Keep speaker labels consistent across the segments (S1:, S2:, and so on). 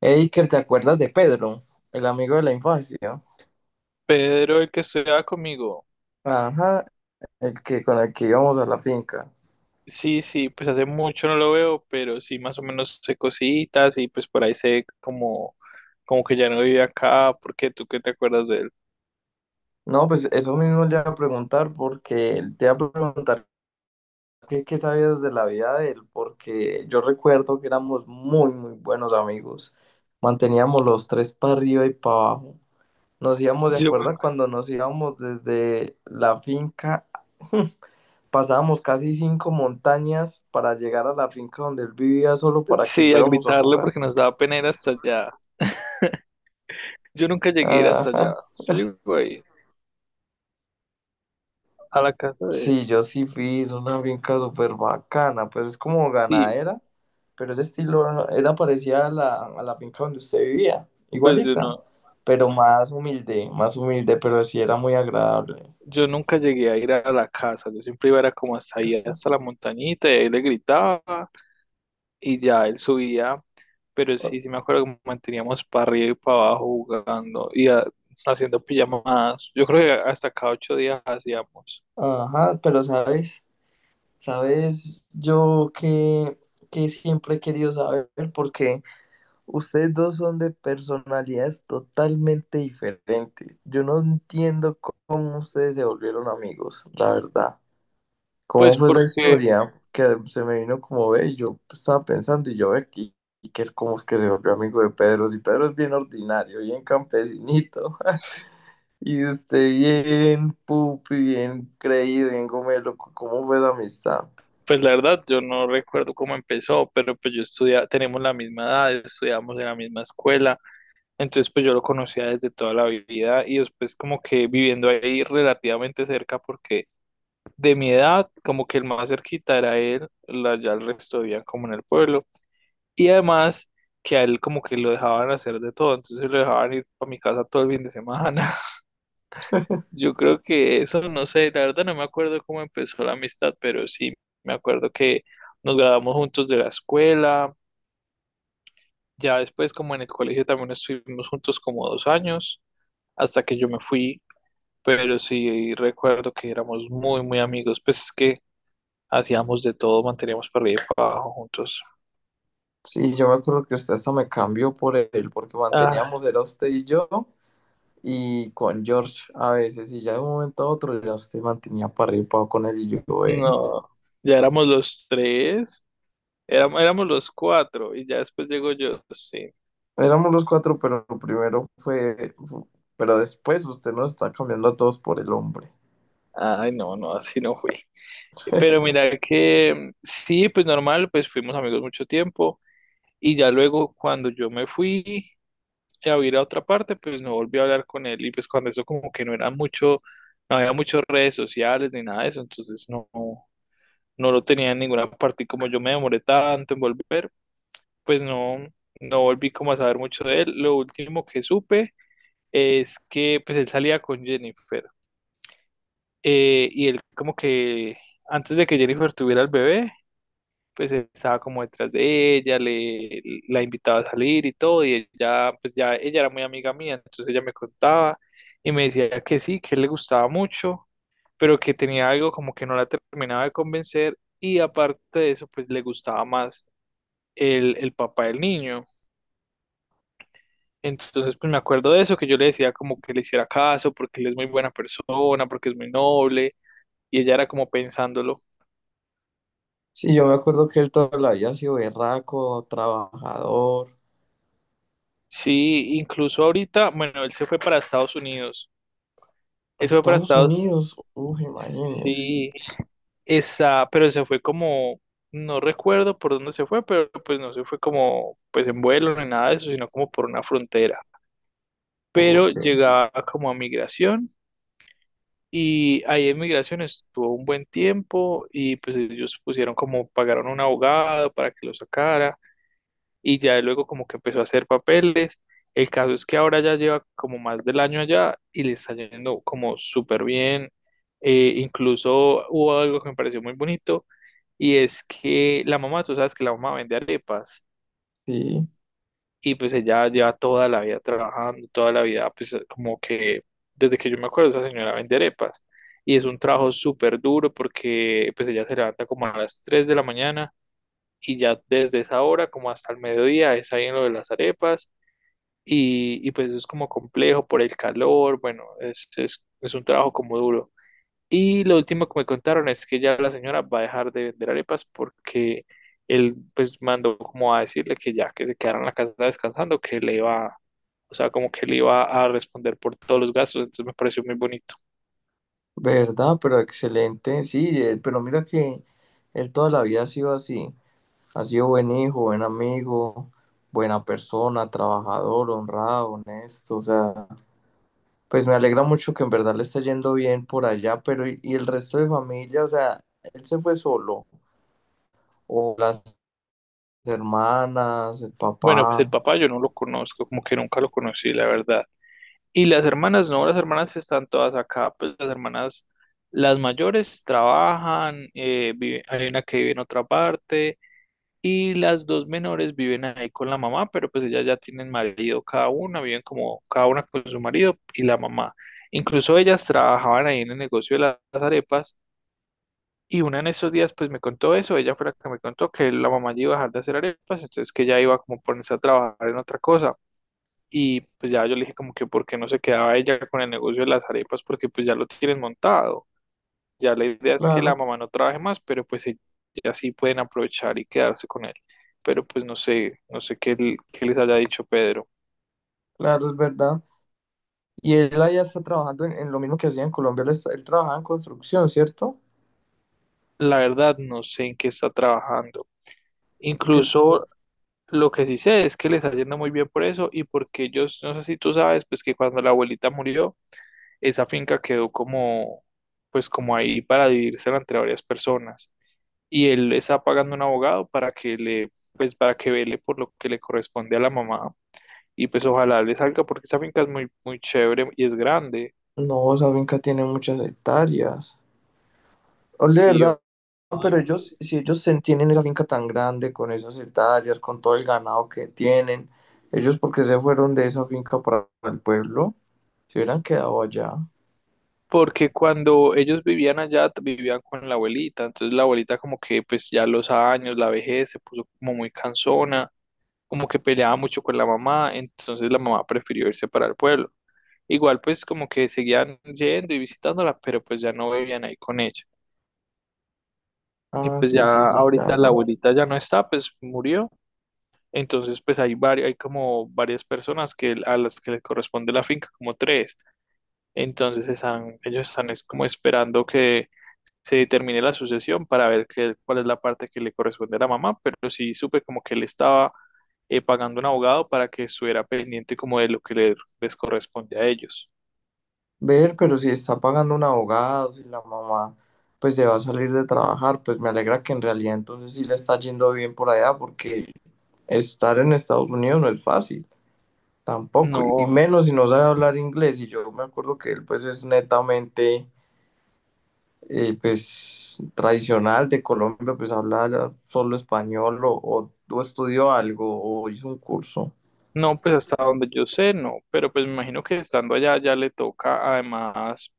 S1: Eiker, ¿te acuerdas de Pedro, el amigo de la infancia?
S2: Pedro, el que estudiaba conmigo.
S1: Ajá, el que con el que íbamos a la finca.
S2: Sí, sí, pues hace mucho no lo veo, pero sí más o menos sé cositas y pues por ahí sé como, como que ya no vive acá, porque tú qué te acuerdas de él.
S1: No, pues eso mismo le iba a preguntar porque él te iba a preguntar qué sabías de la vida de él, porque yo recuerdo que éramos muy, muy buenos amigos. Manteníamos los tres para arriba y para abajo. Nos íbamos, ¿de
S2: Yo, me
S1: acuerdo? Cuando nos íbamos desde la finca, pasábamos casi cinco montañas para llegar a la finca donde él vivía solo
S2: ac-
S1: para que
S2: sí, a
S1: fuéramos a
S2: gritarle
S1: jugar.
S2: porque nos daba pena ir hasta allá. Yo nunca llegué a ir hasta allá.
S1: Ajá.
S2: Yo llegó ahí, a la casa de...
S1: Sí, yo sí fui, es una finca súper bacana, pues es como
S2: Sí,
S1: ganadera, pero ese estilo no, era parecida a la finca donde usted vivía,
S2: pues yo
S1: igualita,
S2: no,
S1: pero más humilde, pero sí era muy agradable.
S2: yo nunca llegué a ir a la casa, yo siempre iba era como hasta ahí, hasta la montañita, y ahí le gritaba y ya él subía. Pero
S1: O-
S2: sí, sí me acuerdo que manteníamos para arriba y para abajo jugando haciendo pijamadas. Yo creo que hasta cada 8 días hacíamos.
S1: Ajá, pero sabes, sabes, yo que siempre he querido saber, porque ustedes dos son de personalidades totalmente diferentes. Yo no entiendo cómo ustedes se volvieron amigos, la verdad. ¿Cómo
S2: Pues
S1: fue esa
S2: porque,
S1: historia? Que se me vino como ve, yo estaba pensando y yo ve aquí, y que cómo es que se volvió amigo de Pedro, si Pedro es bien ordinario, bien campesinito, y usted bien pupi, bien creído, bien gomelo, ¿cómo fue la amistad?
S2: pues la verdad, yo no recuerdo cómo empezó, pero pues yo estudia, tenemos la misma edad, estudiamos en la misma escuela, entonces pues yo lo conocía desde toda la vida y después como que viviendo ahí relativamente cerca porque de mi edad, como que el más cerquita era él, la, ya el resto vivían como en el pueblo. Y además que a él como que lo dejaban hacer de todo, entonces lo dejaban ir a mi casa todo el fin de semana. Yo creo que eso, no sé, la verdad no me acuerdo cómo empezó la amistad, pero sí me acuerdo que nos graduamos juntos de la escuela, ya después como en el colegio también estuvimos juntos como 2 años, hasta que yo me fui, pero sí recuerdo que éramos muy, muy amigos, pues es que hacíamos de todo, manteníamos para arriba y para abajo juntos.
S1: Sí, yo me acuerdo que usted hasta me cambió por él, porque
S2: Ah,
S1: manteníamos, era usted y yo, y con George a veces, y ya de un momento a otro ya usted mantenía para arriba con él y yo, ve.
S2: no, ya éramos los tres. Éramos los cuatro y ya después llego yo, sí.
S1: Éramos los cuatro, pero primero pero después usted nos está cambiando a todos por el hombre.
S2: Ay, no, no, así no fui. Pero mira que sí, pues normal, pues fuimos amigos mucho tiempo y ya luego cuando yo me fui a ir a otra parte, pues no volví a hablar con él y pues cuando eso como que no era mucho, no había muchas redes sociales ni nada de eso, entonces no, no lo tenía en ninguna parte y como yo me demoré tanto en volver, pues no, no volví como a saber mucho de él. Lo último que supe es que pues él salía con Jennifer. Y él como que antes de que Jennifer tuviera el bebé, pues estaba como detrás de ella, le, la invitaba a salir y todo, y ella, pues ya ella era muy amiga mía, entonces ella me contaba y me decía que sí, que le gustaba mucho, pero que tenía algo como que no la terminaba de convencer y aparte de eso, pues le gustaba más el papá del niño. Entonces, pues me acuerdo de eso, que yo le decía como que le hiciera caso, porque él es muy buena persona, porque es muy noble, y ella era como pensándolo.
S1: Sí, yo me acuerdo que él toda la vida ha sido berraco, trabajador.
S2: Sí, incluso ahorita, bueno, él se fue para Estados Unidos. Él se fue para
S1: Estados
S2: Estados.
S1: Unidos, uff, imagínese.
S2: Sí, está, pero se fue como, no recuerdo por dónde se fue, pero pues no se fue como, pues en vuelo ni nada de eso, sino como por una frontera. Pero
S1: Ok,
S2: llegaba como a migración y ahí en migración estuvo un buen tiempo y pues ellos pusieron como, pagaron un abogado para que lo sacara. Y ya luego como que empezó a hacer papeles. El caso es que ahora ya lleva como más del año allá y le está yendo como súper bien. Incluso hubo algo que me pareció muy bonito y es que la mamá, tú sabes que la mamá vende arepas
S1: sí,
S2: y pues ella lleva toda la vida trabajando, toda la vida, pues como que desde que yo me acuerdo esa señora vende arepas y es un trabajo súper duro porque pues ella se levanta como a las 3 de la mañana y ya desde esa hora como hasta el mediodía es ahí en lo de las arepas y pues es como complejo por el calor, bueno, es un trabajo como duro. Y lo último que me contaron es que ya la señora va a dejar de vender arepas porque él pues mandó como a decirle que ya que se quedara en la casa descansando, que le iba, o sea, como que le iba a responder por todos los gastos, entonces me pareció muy bonito.
S1: verdad, pero excelente. Sí, pero mira que él toda la vida ha sido así. Ha sido buen hijo, buen amigo, buena persona, trabajador, honrado, honesto. O sea. Pues me alegra mucho que en verdad le esté yendo bien por allá, pero y el resto de familia? O sea, él se fue solo, o las hermanas, el
S2: Bueno, pues el
S1: papá.
S2: papá yo no lo conozco, como que nunca lo conocí, la verdad. Y las hermanas, no, las hermanas están todas acá, pues las hermanas, las mayores trabajan, vive- hay una que vive en otra parte y las dos menores viven ahí con la mamá, pero pues ellas ya tienen marido cada una, viven como cada una con su marido y la mamá. Incluso ellas trabajaban ahí en el negocio de la- las arepas y una en esos días pues me contó eso, ella fue la que me contó que la mamá ya iba a dejar de hacer arepas, entonces que ella iba como a ponerse a trabajar en otra cosa. Y pues ya yo le dije como que por qué no se quedaba ella con el negocio de las arepas, porque pues ya lo tienen montado. Ya la idea es que la
S1: Claro,
S2: mamá no trabaje más, pero pues ella así pueden aprovechar y quedarse con él. Pero pues no sé, no sé qué, l- qué les haya dicho Pedro.
S1: claro, es verdad. Y él allá está trabajando en lo mismo que hacía en Colombia, él, él trabajaba en construcción, ¿cierto?
S2: La verdad no sé en qué está trabajando.
S1: Porque
S2: Incluso lo que sí sé es que le está yendo muy bien por eso y porque ellos, no sé si tú sabes, pues que cuando la abuelita murió, esa finca quedó como, pues como ahí para dividirse entre varias personas. Y él está pagando un abogado para que le, pues para que vele por lo que le corresponde a la mamá y pues ojalá le salga porque esa finca es muy, muy chévere y es grande,
S1: no, esa finca tiene muchas hectáreas. Ole,
S2: sí,
S1: ¿verdad?
S2: o-
S1: Pero ellos, si tienen esa finca tan grande, con esas hectáreas, con todo el ganado que tienen, ellos porque se fueron de esa finca para el pueblo. Se hubieran quedado allá.
S2: porque cuando ellos vivían allá t- vivían con la abuelita, entonces la abuelita como que pues ya los años, la vejez se puso como muy cansona, como que peleaba mucho con la mamá, entonces la mamá prefirió irse para el pueblo. Igual pues como que seguían yendo y visitándola, pero pues ya no vivían ahí con ella. Y
S1: Ah,
S2: pues
S1: sí,
S2: ya
S1: sí, sí,
S2: ahorita la
S1: claro.
S2: abuelita ya no está, pues murió. Entonces, pues hay varios, hay como varias personas que a las que le corresponde la finca, como tres. Entonces están, ellos están es como esperando que se determine la sucesión para ver qué- cuál es la parte que le corresponde a la mamá. Pero sí supe como que él estaba pagando un abogado para que estuviera pendiente como de lo que le- les corresponde a ellos.
S1: Ver, pero si está pagando un abogado, si la mamá pues se va a salir de trabajar, pues me alegra que en realidad entonces sí le está yendo bien por allá, porque estar en Estados Unidos no es fácil, tampoco, y
S2: No,
S1: menos si no sabe hablar inglés. Y yo me acuerdo que él pues es netamente pues tradicional de Colombia, pues habla ya solo español o estudió algo o hizo un curso.
S2: no, pues hasta donde yo sé, no. Pero pues me imagino que estando allá ya le toca además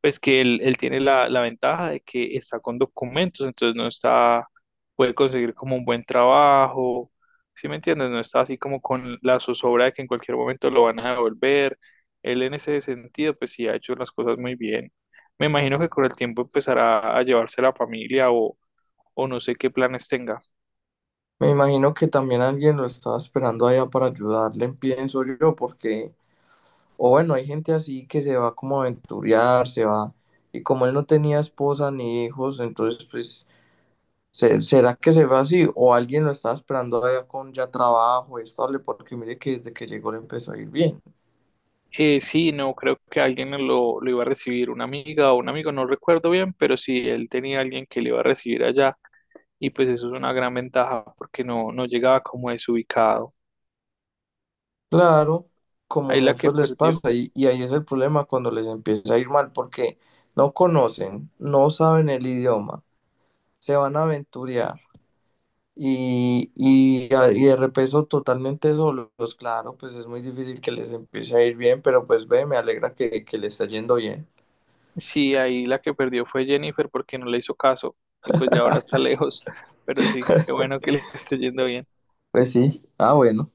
S2: pues que él tiene la, la ventaja de que está con documentos, entonces no está, puede conseguir como un buen trabajo, ¿sí me entiendes? No está así como con la zozobra de que en cualquier momento lo van a devolver. Él en ese sentido, pues sí ha hecho las cosas muy bien. Me imagino que con el tiempo empezará a llevarse la familia o no sé qué planes tenga.
S1: Me imagino que también alguien lo estaba esperando allá para ayudarle, pienso yo, porque, o bueno, hay gente así que se va como a aventurear, se va, y como él no tenía esposa ni hijos, entonces pues, ¿será que se va así? O alguien lo estaba esperando allá con ya trabajo estable, porque mire que desde que llegó le empezó a ir bien.
S2: Sí, no, creo que alguien lo iba a recibir, una amiga o un amigo, no recuerdo bien, pero sí, él tenía alguien que le iba a recibir allá y pues eso es una gran ventaja porque no, no llegaba como desubicado.
S1: Claro, como
S2: Ahí la que
S1: muchos les
S2: perdió,
S1: pasa, y ahí es el problema cuando les empieza a ir mal, porque no conocen, no saben el idioma, se van a aventurear Y de repeso totalmente solos, claro, pues es muy difícil que les empiece a ir bien, pero pues ve, me alegra que le está yendo bien.
S2: sí, ahí la que perdió fue Jennifer porque no le hizo caso y pues ya ahora está lejos, pero sí, qué bueno que le esté yendo bien.
S1: Pues sí, ah, bueno.